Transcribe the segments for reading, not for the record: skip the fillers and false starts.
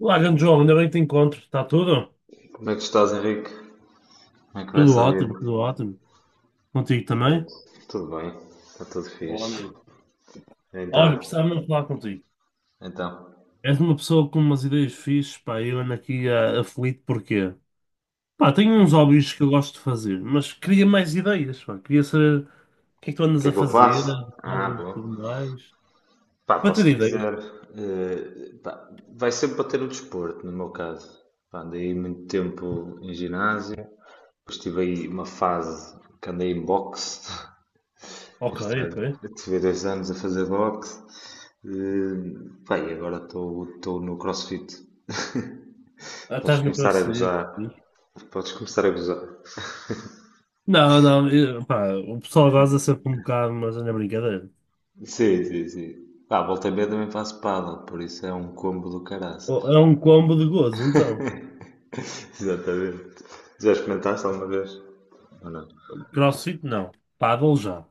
Olá, grande João, ainda bem que te encontro. Está tudo? Como é que estás, Henrique? Como é que vai Tudo essa vida? ótimo, tudo ótimo. Contigo também? Perfeito. Tudo bem. Está tudo Bom, fixe. amigo. Olha, Então, precisava mesmo falar contigo. então. És uma pessoa com umas ideias fixes, pá, eu ando aqui aflito porquê? Pá, tenho uns hum, hobbies que eu gosto de fazer, mas queria mais ideias, pá. Queria saber o que é que tu O andas que é a que eu fazer, faço? Ah, hobbies e bom. tudo mais. Pá, Para ter posso ideias. dizer. Pá, vai sempre para ter o desporto, no meu caso. Pá, andei muito tempo em ginásio. Depois tive aí uma fase que andei em boxe. É Ok, estranho. ok. Eu tive 2 anos a fazer boxe. Pá, e agora estou no CrossFit. Ah, Podes estás no começar a CrossFit. gozar. Fixe. Podes começar a gozar. Não, não, pá, o pessoal goza sempre um bocado, mas é na brincadeira. Sim, sim, sim. Ah, volta e meia também faço paddle, por isso é um combo do caraças. É um combo de gozo, então. Exatamente. Já experimentaste alguma vez? Ou não? CrossFit não. Paddle já.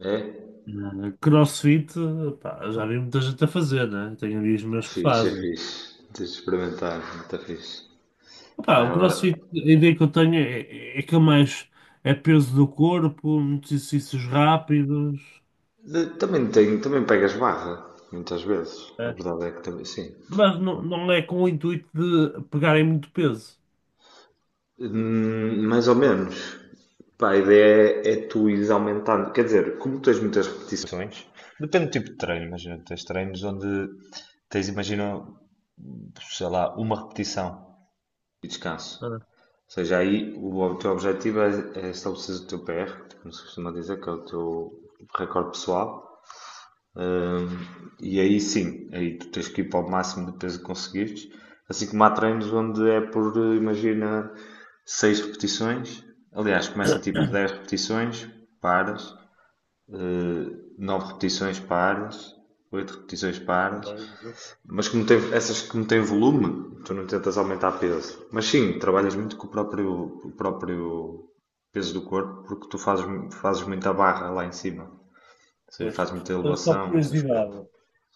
É? CrossFit, pá, já vi muita gente a fazer, né? Tenho amigos É meus que fixe, é fazem. fixe. Tens de experimentar, muito fixe. Pá, Pá, o agora. CrossFit, a ideia que eu tenho é que é mais é peso do corpo, muitos exercícios rápidos, Também tenho, também pegas barra, muitas vezes. A eh, verdade é que também. Sim. mas não, não é com o intuito de pegarem muito peso. Mais ou menos. Pá, a ideia é tu ires aumentando. Quer dizer, como tens muitas repetições, depende do tipo de treino. Imagina, tens treinos onde tens, imagina, sei lá, uma repetição e descanso. Ah, Ou seja, aí o teu objetivo é estabelecer o teu PR, como se costuma dizer, que é o teu recorde pessoal. Hum, e aí sim, aí tu tens que ir para o máximo de peso que conseguires. Assim como há treinos onde é por, imagina, 6 repetições. Aliás, começa tipo 10 repetições, paras, uh, 9 repetições, paras, 8 repetições, paras. não, Mas como tem, essas que não têm volume, tu não tentas aumentar peso. Mas sim, trabalhas muito com o próprio peso do corpo, porque tu fazes muita barra lá em cima. Ou seja, pois. fazes muita Mas só por elevação, essas coisas. curiosidade,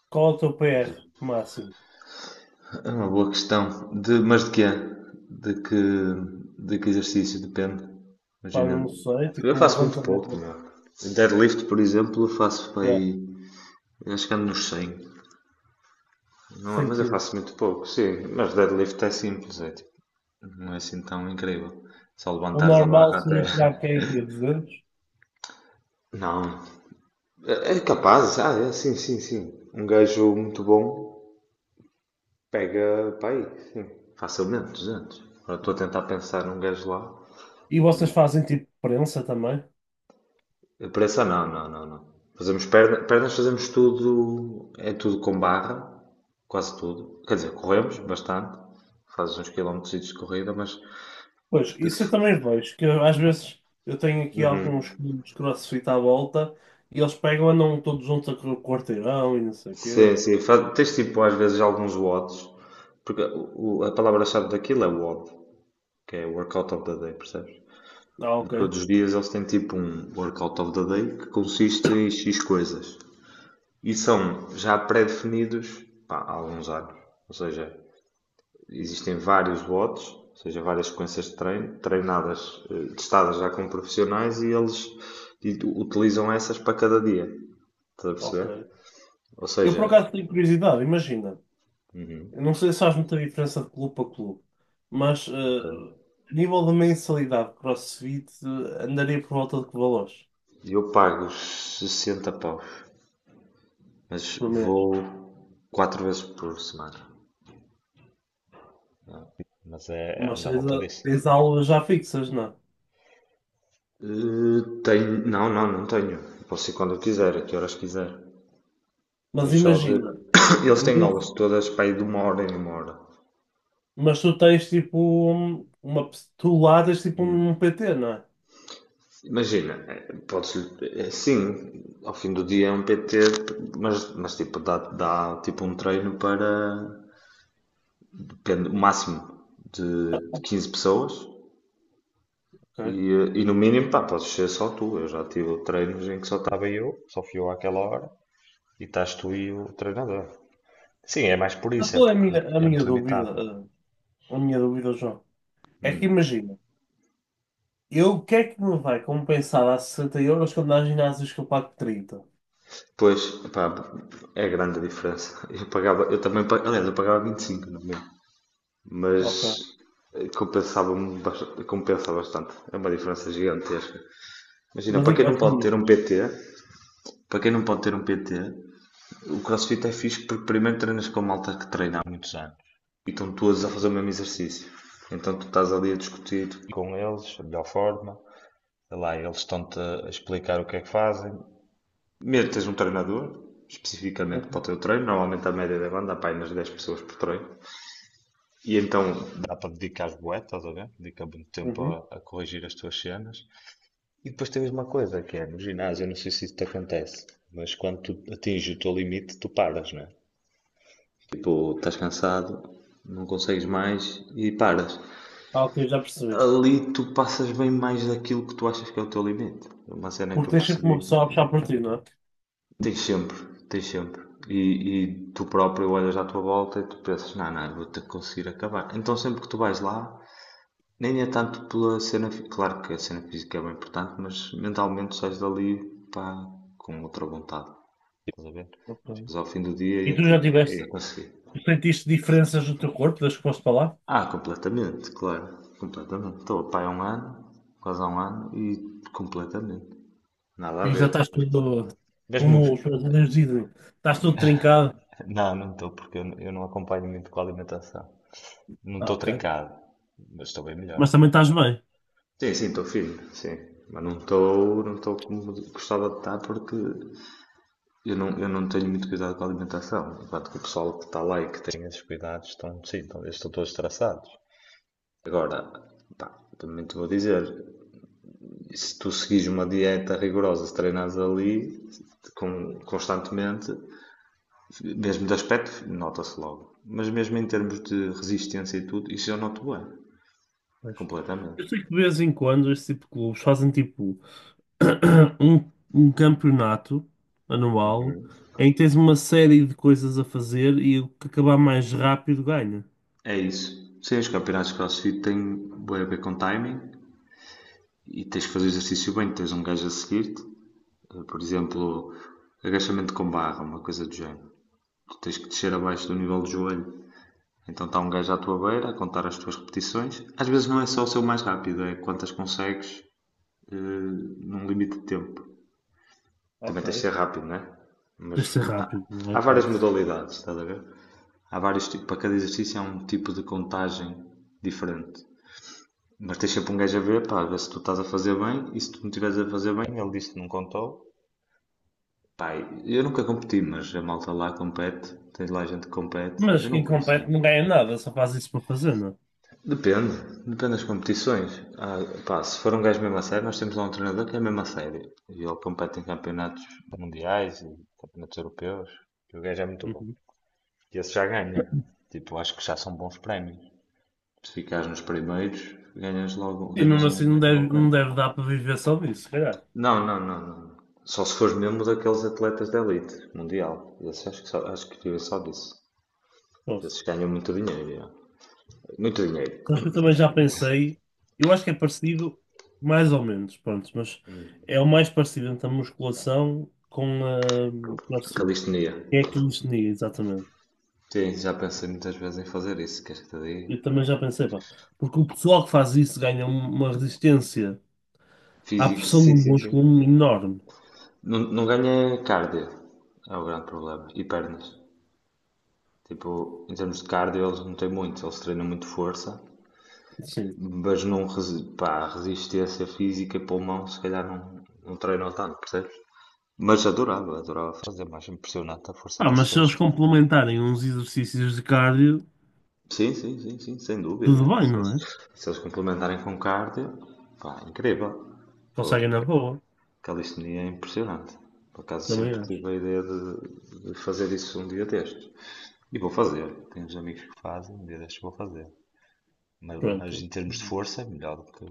qual é o teu PR máximo? É uma boa questão. De, mas de quê? De que, de que exercício? Depende. Pá, Imagina. não sei, Eu tipo um faço muito pouco, levantamento meu. Deadlift, por exemplo, eu faço para de aí. Acho que ando nos 100. Não, 100 mas eu quilos. faço muito pouco, sim. Mas deadlift é simples, é tipo. Não é assim tão incrível. Só O levantares a barra normal até. seria pegar quem aqui, 200? Não. É é capaz, ah, é, sim, sim, sim. Um gajo muito bom pega para aí, sim. Facilmente, 200. Agora estou a tentar pensar num gajo lá. E vocês fazem tipo prensa também? Pressa não, não, não, não. Fazemos pernas, fazemos tudo, é tudo com barra, quase tudo. Quer dizer, Ok. corremos bastante, fazes uns quilómetros de corrida, mas Pois, isso eu também vejo, às vezes eu tenho aqui alguns clubes CrossFit à volta e eles pegam, andam todos juntos a correr o quarteirão e não sei o quê. sim, sim, faz, tens tipo às vezes alguns watts, porque a palavra-chave daquilo é WOD, que é Workout of the Day, percebes? Ah, E ok, todos os dias eles têm tipo um Workout of the Day que consiste em X coisas. E são já pré-definidos pá, há alguns anos. Ou seja, existem vários watts, ou seja, várias sequências de treino, treinadas, testadas já com profissionais e eles utilizam essas para cada dia. Estás a perceber? ok. Ou Eu por seja, acaso tenho curiosidade, imagina. Eu não sei se faz muita diferença de clube para clube, mas ok, a nível de mensalidade de CrossFit andaria por volta de que valores eu pago os 60 paus, mas por mês? vou 4 vezes por semana. Mas é Mas andar à tens, volta a- disso. tens aulas já fixas, não? É? Tenho, não, não, não tenho. Posso ir quando eu quiser, a que horas quiser. Tenho Mas só de. imagina. Eles têm aulas todas para ir de uma hora em uma hora. Mas tu tens tipo Tu ladas tipo um PT, não é? Imagina, podes, sim, ao fim do dia é um PT, mas tipo, dá, dá tipo um treino para depende, o máximo de 15 pessoas e, Ok. eh, e no mínimo, pá, podes ser só tu. Eu já tive treinos em que só estava eu, só fui eu àquela hora e estás tu e o treinador. Sim, é mais por Mas isso, é qual é a porque minha, a é minha muito dúvida? limitado. A minha dúvida, João? É que imagina, eu o que é que me vai compensar a 60 euros quando há ginásios que eu pago 30? Pois, pá, é grande a diferença. Eu pagava, eu também, aliás, eu pagava 25 no meu. Mas Ok. Compensava, bastante, compensa bastante. É uma diferença gigantesca. Imagina, Mas para a, quem a não que pode ter um níveis? PT, para quem não pode ter um PT, o CrossFit é fixe porque primeiro treinas com malta que treina há muitos anos e estão todos a fazer o Ok. mesmo exercício. Então tu estás ali a discutir com eles, a melhor forma. Sei lá, eles estão-te a explicar o que é que fazem. Primeiro tens um treinador, especificamente para o Uhum. teu treino. Normalmente a média deve andar para aí nas 10 pessoas por treino. E então dá para dedicar bué, estás a ver? Dedica muito tempo a, Uhum. a corrigir as tuas cenas. E depois tens uma coisa que é, no ginásio, eu não sei se isso te acontece, mas quando tu atinges o teu limite, tu paras, não é? Tipo, estás cansado, não consegues mais e paras. Ah, ok, já percebi. Ali tu passas bem mais daquilo que tu achas que é o teu limite. É uma cena que Porque eu tens sempre uma pessoa percebi. a puxar por ti, não é? Tens sempre, tens sempre. E tu próprio olhas à tua volta e tu pensas, não, não, eu vou ter que conseguir acabar. Então sempre que tu vais lá, nem é tanto pela cena, claro que a cena física é bem importante, mas mentalmente sais dali, pá, com outra vontade. Estás a ver? Ok. Chegas ao fim do dia e E é tipo, "É, eu consegui." tu sentiste diferenças no teu corpo das que foste para lá? Ah, completamente, claro, completamente. Estou a pá há um ano, quase há um ano e completamente. Nada a E já ver. estás todo, Mesmo. como os brasileiros dizem, estás todo trincado. Não, não estou, porque eu não acompanho muito com a alimentação. Não Ah, estou ok. trincado, mas estou bem Mas melhor. também estás bem. Sim, sim, estou firme, sim. Mas não estou, não estou como gostava de estar porque eu não tenho muito cuidado com a alimentação, enquanto que o pessoal que está lá e que tem esses cuidados estão, sim, estão, eles estão todos traçados. Agora, pá, também te vou dizer, se tu seguires uma dieta rigorosa, se treinares ali constantemente, mesmo de aspecto, nota-se logo. Mas mesmo em termos de resistência e tudo, isso eu noto bem, Pois. completamente. Eu sei que de vez em quando esse tipo de clubes fazem tipo um campeonato anual em que tens uma série de coisas a fazer e o que acabar mais rápido ganha. É isso. Sim, os campeonatos de CrossFit têm bem a ver com timing e tens que fazer exercício bem, tens um gajo a seguir-te. É, por exemplo, agachamento com barra, uma coisa do género. Tu tens que descer abaixo do nível do joelho. Então está um gajo à tua beira a contar as tuas repetições. Às vezes não é só o seu mais rápido, é quantas consegues num limite de tempo. Também Ok. tens de ser rápido, não é? Mas Tens de ser há, rápido, não é há várias hipótese. modalidades, estás a ver? Há vários tipos, para cada exercício há um tipo de contagem diferente. Mas tens sempre um gajo a ver, pá, a ver se tu estás a fazer bem e se tu não estiveres a fazer bem, ele diz que não contou. Pai, eu nunca competi, mas a malta lá compete, tem lá gente que compete, Mas eu não quem consigo. compete não ganha nada, só faz isso para fazer, não é? Depende, depende das competições. Ah, pá, se for um gajo mesmo a sério, nós temos lá um treinador que é mesmo a sério. E ele compete em campeonatos mundiais e campeonatos europeus. E o gajo é muito bom. Uhum. E esse já ganha. Tipo, acho que já são bons prémios. Se ficares nos primeiros, ganhas logo, E ganhas mesmo um assim não deve, bom não prémio. deve dar para viver só disso, se calhar. Não, não, não, não. Só se fores mesmo daqueles atletas de elite mundial. Esse acho que vive só disso. Posso. Esses ganham muito dinheiro, já. Muito dinheiro. Acho que eu também já pensei, eu acho que é parecido, mais ou menos, pronto, mas é o mais parecido entre a musculação com a CrossFit. Calistenia. Que é que eu definia, exatamente. Sim, já pensei muitas vezes em fazer isso, queres que te diga? Eu também já pensei, pá. Porque o pessoal que faz isso ganha uma resistência à Físico, pressão do sim, sim, sim. músculo enorme. Não, não ganha cardio, é o grande problema, e pernas. Tipo, em termos de cardio eles não têm muito, eles treinam muito força, Sim. mas não, pá, resistência física e pulmão se calhar não, não treinam tanto, percebes? Mas adorava, adorava fazer, mais impressionante a força Ah, que esses mas se eles gajos têm. complementarem uns exercícios de cardio, Sim, sim, sim, sim, sem dúvida. tudo bem, Se eles, não é? se eles complementarem com cardio, pá, incrível. Conseguem Pô, na ca- boa, calistenia é impressionante. Por acaso também sempre acho. tive a ideia de fazer isso um dia destes. E vou fazer. Tenho uns amigos que fazem, um dia destes vou fazer. Mas, Pronto. em termos de Uhum. força é melhor do que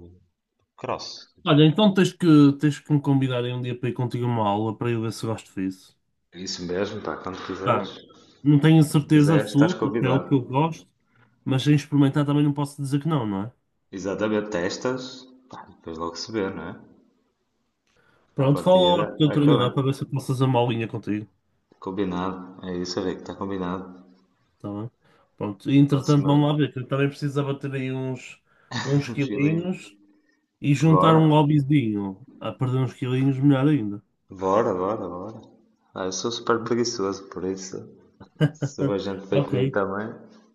cross. Olha, então tens que me convidar aí um dia para ir contigo a uma aula para eu ver se gosto disso. É isso mesmo, pá, quando quiseres, Pá, não tenho se certeza quiseres, estás absoluta se é o convidado. que eu gosto, mas sem experimentar também não posso dizer que não, não é? Exatamente, testas, pá, depois logo se vê, não é? À Pronto, fala partida, lá com o teu é que bem. treinador para ver se eu posso fazer uma aulinha contigo. Combinado, é isso, Rico, está combinado. Tá bem? Pronto, e, entretanto, Próxima vamos lá ver, que eu também preciso abater aí uns fila aí. quilinhos e juntar Bora. um hobbyzinho. A perder uns quilinhos, melhor ainda. Bora, bora, bora. Ah, eu sou super preguiçoso, por isso, se a gente veio Ok, comigo também,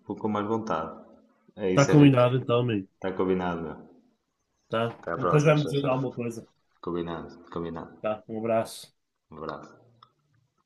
vou com mais vontade. É está isso, Henrique. combinado então, amigo. Está combinado, meu. Tá? Até à Depois próxima, vai-me tchau, dizer tchau. alguma coisa. Combinado, combinado. Tá, um abraço. Um abraço.